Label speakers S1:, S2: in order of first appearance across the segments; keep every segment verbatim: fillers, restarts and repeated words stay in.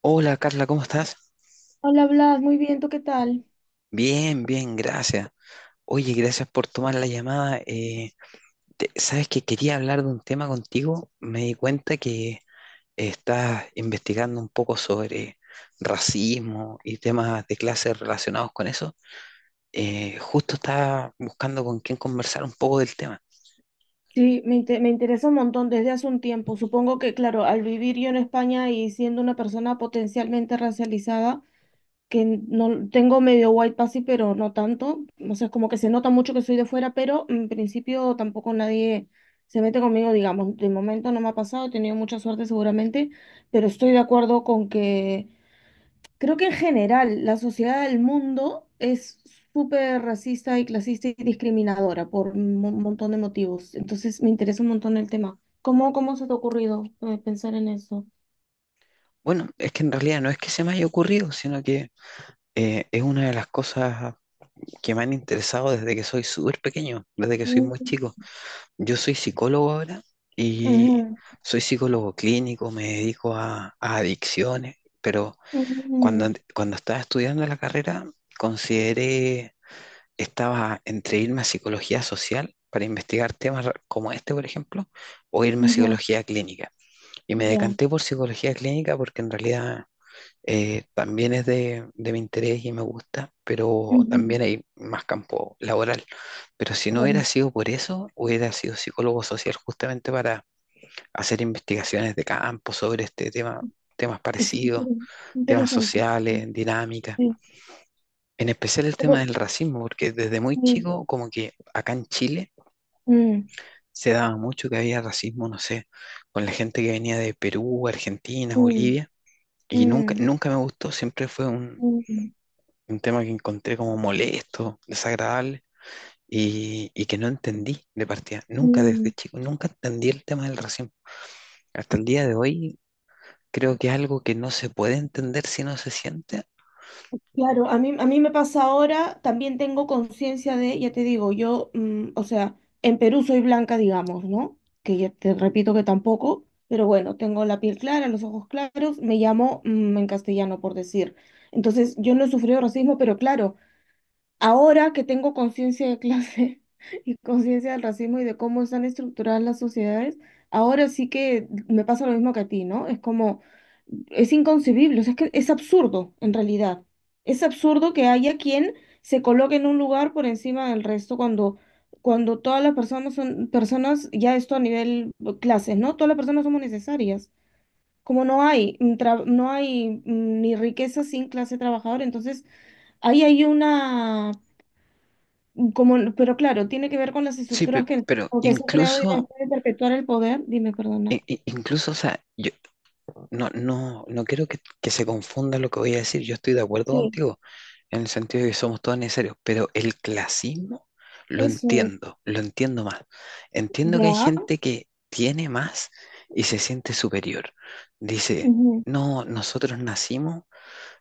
S1: Hola Carla, ¿cómo estás?
S2: Hola Blas, muy bien, ¿tú qué tal?
S1: Bien, bien, gracias. Oye, gracias por tomar la llamada. Eh, te- sabes que quería hablar de un tema contigo. Me di cuenta que estás investigando un poco sobre racismo y temas de clase relacionados con eso. Eh, justo estaba buscando con quién conversar un poco del tema.
S2: Sí, me, inte- me interesa un montón desde hace un tiempo. Supongo que, claro, al vivir yo en España y siendo una persona potencialmente racializada, que no tengo medio white passy, pero no tanto, o sea, es como que se nota mucho que soy de fuera, pero en principio tampoco nadie se mete conmigo, digamos. De momento no me ha pasado, he tenido mucha suerte seguramente, pero estoy de acuerdo con que creo que en general la sociedad del mundo es súper racista y clasista y discriminadora por un mo- montón de motivos. Entonces me interesa un montón el tema. ¿Cómo, cómo se te ha ocurrido eh, pensar en eso?
S1: Bueno, es que en realidad no es que se me haya ocurrido, sino que eh, es una de las cosas que me han interesado desde que soy súper pequeño, desde que soy muy
S2: Mm,
S1: chico. Yo soy psicólogo ahora y
S2: ujú,
S1: soy psicólogo clínico, me dedico a, a adicciones, pero cuando,
S2: ujú,
S1: en- cuando estaba estudiando la carrera consideré, estaba entre irme a psicología social para investigar temas ra- como este, por ejemplo, o irme a
S2: ujú,
S1: psicología clínica. Y me
S2: ya,
S1: decanté por psicología clínica porque en realidad eh, también es de, de mi interés y me gusta, pero
S2: ujú,
S1: también hay más campo laboral. Pero si no hubiera
S2: claro.
S1: sido por eso, hubiera sido psicólogo social justamente para hacer investigaciones de campo sobre este tema, temas
S2: Es inter-
S1: parecidos, temas
S2: Interesante.
S1: sociales, dinámicas.
S2: Sí.
S1: En especial el tema
S2: Pero-
S1: del racismo, porque desde muy
S2: sí.
S1: chico, como que acá en Chile
S2: Mm,
S1: se daba mucho que había racismo, no sé, con la gente que venía de Perú, Argentina,
S2: mm,
S1: Bolivia. Y nunca,
S2: mm,
S1: nunca me gustó, siempre fue un,
S2: mm,
S1: un tema que encontré como molesto, desagradable y, y que no entendí de partida. Nunca
S2: mm.
S1: desde chico, nunca entendí el tema del racismo. Hasta el día de hoy creo que es algo que no se puede entender si no se siente.
S2: Claro, a mí, a mí me pasa ahora, también tengo conciencia de, ya te digo, yo, mm, o sea, en Perú soy blanca, digamos, ¿no? Que ya te repito que tampoco, pero bueno, tengo la piel clara, los ojos claros, me llamo, mm, en castellano, por decir. Entonces, yo no he sufrido racismo, pero claro, ahora que tengo conciencia de clase y conciencia del racismo y de cómo están estructuradas las sociedades, ahora sí que me pasa lo mismo que a ti, ¿no? Es como, es inconcebible, o sea, es que es absurdo en realidad. Es absurdo que haya quien se coloque en un lugar por encima del resto cuando, cuando todas las personas son personas, ya esto a nivel clases, ¿no? Todas las personas somos necesarias. Como no hay, mm, tra- no hay mm, ni riqueza sin clase trabajadora, entonces ahí hay una como, no- pero claro, tiene que ver con las
S1: Sí, pe-
S2: estructuras que,
S1: pero
S2: o que se ha creado y las
S1: incluso,
S2: puede perpetuar el poder. Dime, perdona.
S1: i- i- incluso, o sea, yo no, no, no quiero que, que se confunda lo que voy a decir. Yo estoy de acuerdo
S2: Sí,
S1: contigo en el sentido de que somos todos necesarios, pero el clasismo lo
S2: eso es.
S1: entiendo, lo entiendo más. Entiendo que hay
S2: Ya.
S1: gente que tiene más y se siente superior. Dice,
S2: Ujú,
S1: no, nosotros nacimos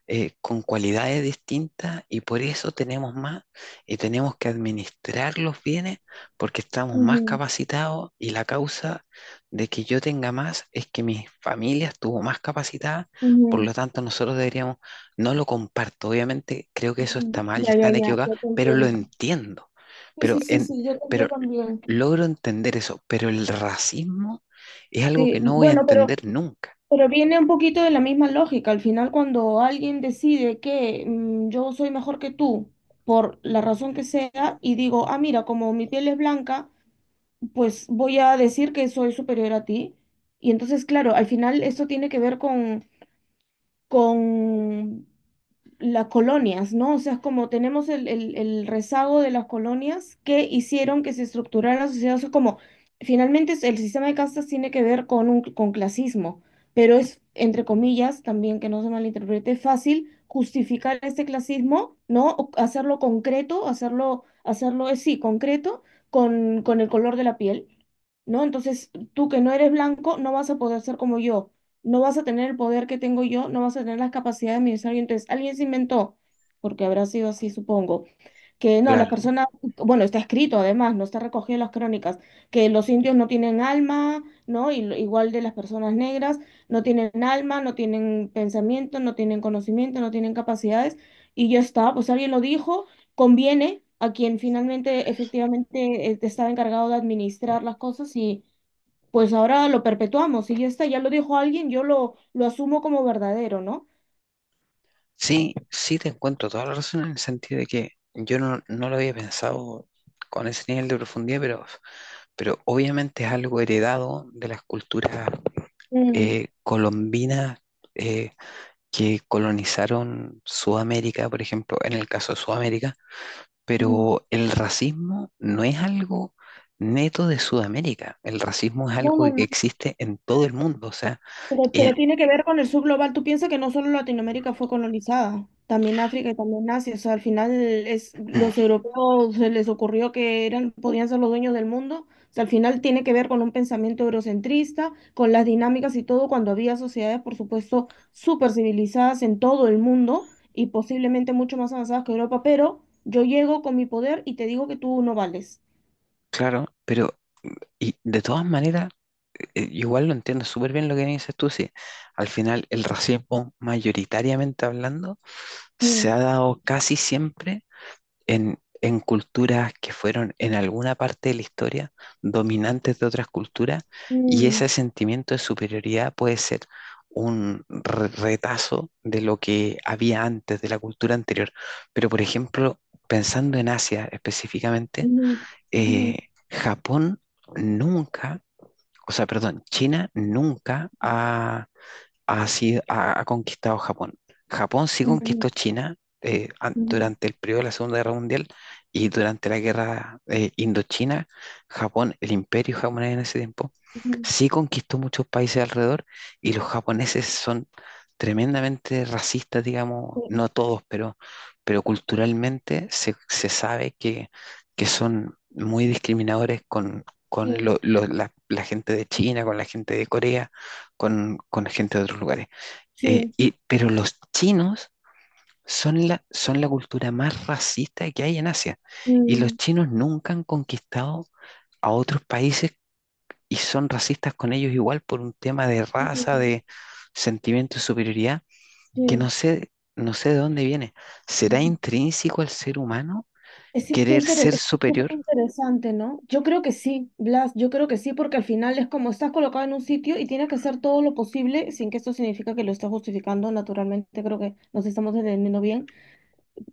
S1: eh, con cualidades distintas y por eso tenemos más y tenemos que administrar los bienes porque estamos más
S2: ujú,
S1: capacitados y la causa de que yo tenga más es que mi familia estuvo más capacitada, por lo
S2: ujú,
S1: tanto nosotros deberíamos, no lo comparto, obviamente creo que eso
S2: ujú.
S1: está mal y
S2: Ya, ya,
S1: están
S2: ya,
S1: equivocados,
S2: ya te
S1: pero lo
S2: entiendo.
S1: entiendo,
S2: Sí,
S1: pero,
S2: sí, sí,
S1: en,
S2: sí, yo,
S1: pero
S2: yo también.
S1: logro entender eso, pero el racismo es algo que
S2: Sí,
S1: no voy a
S2: bueno, pero,
S1: entender nunca.
S2: pero viene un poquito de la misma lógica. Al final, cuando alguien decide que mm, yo soy mejor que tú, por la razón que sea, y digo, ah, mira, como mi piel es blanca, pues voy a decir que soy superior a ti. Y entonces, claro, al final esto tiene que ver con, con las colonias, ¿no? O sea, es como tenemos el, el- el rezago de las colonias que hicieron que se estructurara la sociedad. O sea, como finalmente es- el sistema de castas tiene que ver con, un, con clasismo, pero es, entre comillas, también que no se malinterprete, fácil justificar este clasismo, ¿no? O hacerlo concreto, hacerlo, hacerlo, eh, sí, concreto con, con el color de la piel, ¿no? Entonces, tú que no eres blanco, no vas a poder ser como yo, no vas a tener el poder que tengo yo, no vas a tener las capacidades de administrar yo. Entonces, alguien se inventó, porque habrá sido así, supongo, que no, las
S1: Claro.
S2: personas, bueno, está escrito además, no está recogido en las crónicas, que los indios no tienen alma, ¿no? Y, lo- igual de las personas negras, no tienen alma, no tienen pensamiento, no tienen conocimiento, no tienen capacidades, y ya está, pues alguien lo dijo, conviene a quien finalmente efectivamente eh, estaba encargado de administrar las cosas y, pues ahora lo perpetuamos. Si ya está, ya lo dijo alguien, yo lo, lo asumo como verdadero, ¿no?
S1: Sí, sí te encuentro toda la razón en el sentido de que yo no, no lo había pensado con ese nivel de profundidad, pero, pero obviamente es algo heredado de las culturas
S2: Mm,
S1: eh, colombinas, eh, que colonizaron Sudamérica, por ejemplo, en el caso de Sudamérica,
S2: mm.
S1: pero el racismo no es algo neto de Sudamérica, el racismo es
S2: No,
S1: algo
S2: no,
S1: que
S2: no.
S1: existe en todo el mundo, o sea,
S2: Pero, pero
S1: eh,
S2: tiene que ver con el subglobal. Tú piensas que no solo Latinoamérica fue colonizada, también África y también Asia. O sea, al final es, los europeos se les ocurrió que eran, podían ser los dueños del mundo. O sea, al final tiene que ver con un pensamiento eurocentrista, con las dinámicas y todo, cuando había sociedades, por supuesto, súper civilizadas en todo el mundo y posiblemente mucho más avanzadas que Europa. Pero yo llego con mi poder y te digo que tú no vales.
S1: claro, pero y de todas maneras, eh, eh, igual lo entiendo súper bien lo que dices tú, sí. Al final, el racismo, mayoritariamente hablando, se
S2: Mm,
S1: ha dado casi siempre en, en culturas que fueron en alguna parte de la historia dominantes de otras culturas, y
S2: mm,
S1: ese sentimiento de superioridad puede ser un re- retazo de lo que había antes, de la cultura anterior. Pero, por ejemplo, pensando en Asia específicamente,
S2: ujú,
S1: eh,
S2: ujú,
S1: Japón nunca, o sea, perdón, China nunca ha, ha, sido- ha, ha conquistado Japón. Japón sí
S2: ujú,
S1: conquistó China, eh, an-
S2: ujú,
S1: durante el periodo de la Segunda Guerra Mundial y durante la Guerra, eh, Indochina. Japón, el imperio japonés en ese tiempo,
S2: ujú.
S1: sí conquistó muchos países alrededor y los japoneses son tremendamente racistas, digamos,
S2: Sí,
S1: no todos, pero, pero culturalmente se, se sabe que, que son muy discriminadores con... con
S2: sí,
S1: lo- lo- la la gente de China, con la gente de Corea, con, con gente de otros lugares. Eh,
S2: sí.
S1: y, pero los chinos son la, son la cultura más racista que hay en Asia. Y los
S2: Mm,
S1: chinos nunca han conquistado a otros países y son racistas con ellos igual por un tema de raza,
S2: mm,
S1: de sentimiento de superioridad, que
S2: sí.
S1: no sé, no sé de dónde viene. ¿Será intrínseco al ser humano
S2: Es que qué
S1: querer
S2: interes-
S1: ser
S2: es súper
S1: superior?
S2: interesante, ¿no? Yo creo que sí, Blas, yo creo que sí, porque al final es como estás colocado en un sitio y tienes que hacer todo lo posible, sin que esto significa que lo estás justificando, naturalmente creo que nos estamos entendiendo bien,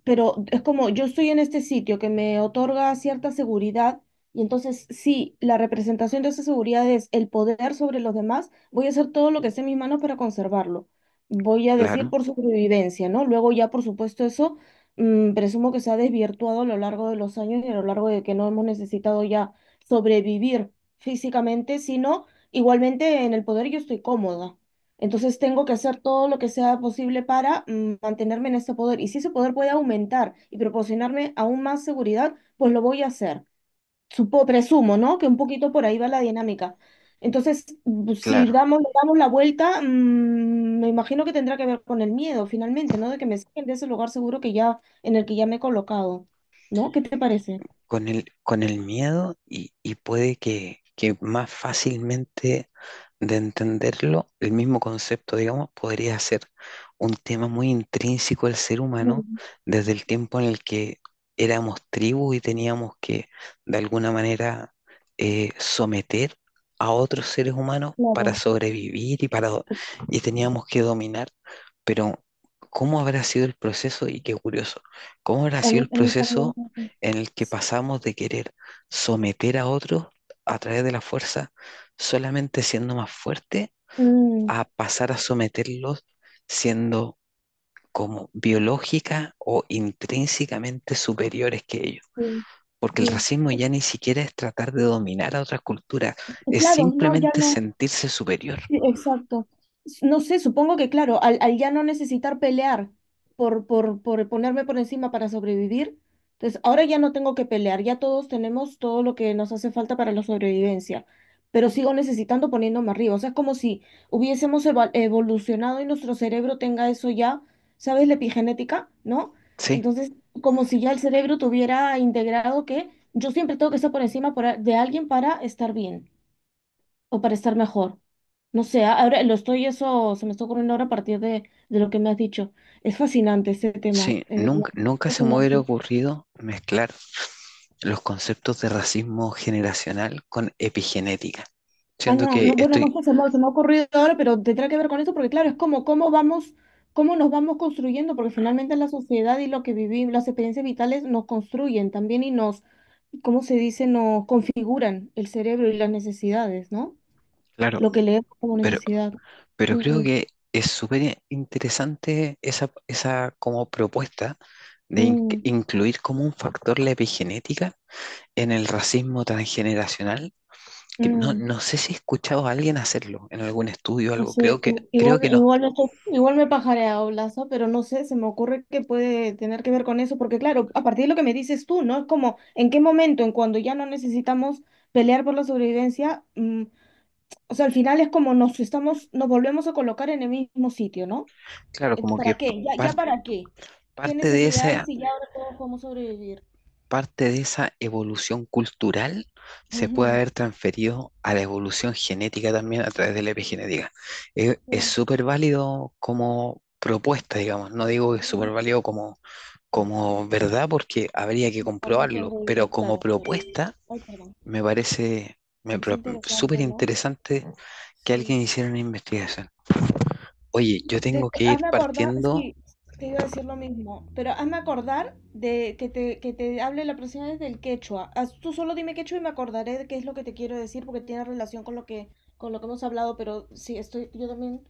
S2: pero es como yo estoy en este sitio que me otorga cierta seguridad y entonces si la representación de esa seguridad es el poder sobre los demás, voy a hacer todo lo que esté en mis manos para conservarlo. Voy a decir
S1: Claro,
S2: por supervivencia, ¿no? Luego ya, por supuesto, eso mm, presumo que se ha desvirtuado a lo largo de los años y a lo largo de que no hemos necesitado ya sobrevivir físicamente, sino igualmente en el poder yo estoy cómoda. Entonces tengo que hacer todo lo que sea posible para mm, mantenerme en ese poder. Y si ese poder puede aumentar y proporcionarme aún más seguridad, pues lo voy a hacer. Supo, presumo, ¿no? Que un poquito por ahí va la dinámica. Entonces, bu- si
S1: claro.
S2: damos, le damos la vuelta, mm, me imagino que tendrá que ver con el miedo finalmente, ¿no? De que me saquen de ese lugar seguro que ya, en el que ya me he colocado, ¿no? ¿Qué te parece?
S1: Con el, con el miedo y, y puede que, que más fácilmente de entenderlo, el mismo concepto, digamos, podría ser un tema muy intrínseco del ser humano
S2: Mm,
S1: desde el tiempo en el que éramos tribu y teníamos que, de alguna manera, eh, someter a otros seres humanos para
S2: Claro,
S1: sobrevivir y, para, do- y teníamos que dominar, pero ¿cómo habrá sido el proceso? Y qué curioso, ¿cómo habrá
S2: a
S1: sido el
S2: mí, a mí también.
S1: proceso en el que pasamos de querer someter a otros a través de la fuerza solamente siendo más fuerte
S2: Mm,
S1: a pasar a someterlos siendo como biológica o intrínsecamente superiores que ellos.
S2: sí,
S1: Porque el
S2: sí.
S1: racismo ya ni siquiera es tratar de dominar a otras culturas, es
S2: Claro, no, ya
S1: simplemente
S2: no.
S1: sentirse superior.
S2: Sí, exacto. S- No sé, supongo que claro, al, al ya no necesitar pelear por, por, por ponerme por encima para sobrevivir, entonces ahora ya no tengo que pelear, ya todos tenemos todo lo que nos hace falta para la sobrevivencia, pero sigo necesitando poniéndome arriba. O sea, es como si hubiésemos eva- evolucionado y nuestro cerebro tenga eso ya, ¿sabes? La epigenética, ¿no?
S1: Sí,
S2: Entonces, como si ya el cerebro tuviera integrado que yo siempre tengo que estar por encima por a- de alguien para estar bien o para estar mejor. No sé, a- ahora lo estoy, eso se me está ocurriendo ahora a partir de, de lo que me has dicho. Es fascinante este tema.
S1: sí,
S2: Eh, no,
S1: nunca,
S2: es
S1: nunca se me hubiera
S2: fascinante.
S1: ocurrido mezclar los conceptos de racismo generacional con epigenética.
S2: Ah,
S1: Siento
S2: no,
S1: que
S2: no, bueno, no
S1: estoy,
S2: sé, se me, se me ha ocurrido ahora, pero tendrá que ver con eso, porque claro, es como cómo vamos, cómo nos vamos construyendo, porque finalmente la sociedad y lo que vivimos, las experiencias vitales nos construyen también y nos, ¿cómo se dice? Nos configuran el cerebro y las necesidades, ¿no?
S1: claro,
S2: Lo que leemos como
S1: pero,
S2: necesidad.
S1: pero creo
S2: Mm,
S1: que es súper interesante esa, esa como propuesta de in-
S2: mm,
S1: incluir como un factor la epigenética en el racismo transgeneracional. Que no,
S2: mm.
S1: no sé si he escuchado a alguien hacerlo en algún estudio o algo,
S2: Sí,
S1: creo que,
S2: i-
S1: creo
S2: igual,
S1: que no.
S2: igual, me estoy- igual me pajareado Lazo, pero no sé, se me ocurre que puede tener que ver con eso, porque claro, a partir de lo que me dices tú, ¿no? Es como, ¿en qué momento, en cuando ya no necesitamos pelear por la sobrevivencia? Mm, o sea, al final es como nos estamos, nos volvemos a colocar en el mismo sitio, ¿no?
S1: Claro,
S2: Ent-
S1: como que
S2: ¿Para qué? ¿Ya,
S1: par-
S2: ya para qué? ¿Qué
S1: parte de
S2: necesidad hay
S1: esa
S2: si ya ahora todos podemos sobrevivir?
S1: parte de esa evolución cultural se puede
S2: Ujú,
S1: haber transferido a la evolución genética también a través de la epigenética. Es es
S2: sí.
S1: súper válido como propuesta, digamos. No digo que es súper válido como, como verdad porque habría que
S2: No, no
S1: comprobarlo,
S2: tengo
S1: pero
S2: idea,
S1: como
S2: claro, pero...
S1: propuesta
S2: Ay, perdón.
S1: me parece, me
S2: Es
S1: pro- súper
S2: interesante, ¿no?
S1: interesante que
S2: Sí.
S1: alguien hiciera una investigación. Oye, yo tengo
S2: Te,
S1: que ir
S2: hazme acordar,
S1: partiendo.
S2: sí, te iba a decir lo mismo, pero hazme acordar de que te, que te hable la próxima vez del quechua. Haz- Tú solo dime quechua y me acordaré de qué es lo que te quiero decir porque tiene relación con lo que, con lo que hemos hablado, pero sí, estoy, yo también,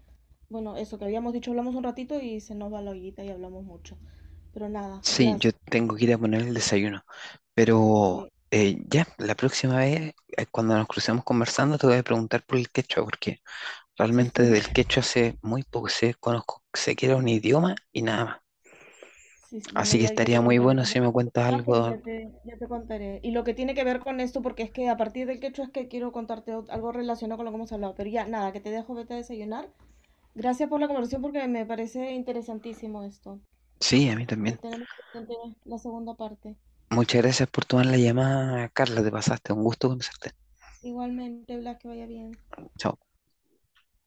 S2: bueno, eso que habíamos dicho, hablamos un ratito y se nos va la ollita y hablamos mucho. Pero nada,
S1: Sí, yo
S2: Blas,
S1: tengo que ir a poner el desayuno. Pero
S2: sí,
S1: eh, ya, la próxima vez, eh, cuando nos crucemos conversando, te voy a preguntar por el quechua, porque
S2: sí, sí.
S1: realmente del quechua sé muy poco, sé, conozco, sé que era un idioma y nada más.
S2: Sí, sí, bueno,
S1: Así que
S2: ya, ya
S1: estaría
S2: te
S1: muy
S2: contaré,
S1: bueno si
S2: tampoco
S1: me
S2: un
S1: cuentas
S2: poco más, pero
S1: algo.
S2: ya te, ya te contaré. Y lo que tiene que ver con esto, porque es que a partir del quechua es que quiero contarte ot- algo relacionado con lo que hemos hablado, pero ya, nada, que te dejo, vete a desayunar. Gracias por la conversación porque me parece interesantísimo esto.
S1: Sí, a mí también.
S2: Lo tenemos pendiente la segunda parte.
S1: Muchas gracias por tomar la llamada, Carla, te pasaste, un gusto conocerte.
S2: Igualmente, Blas, que vaya bien.
S1: Chao.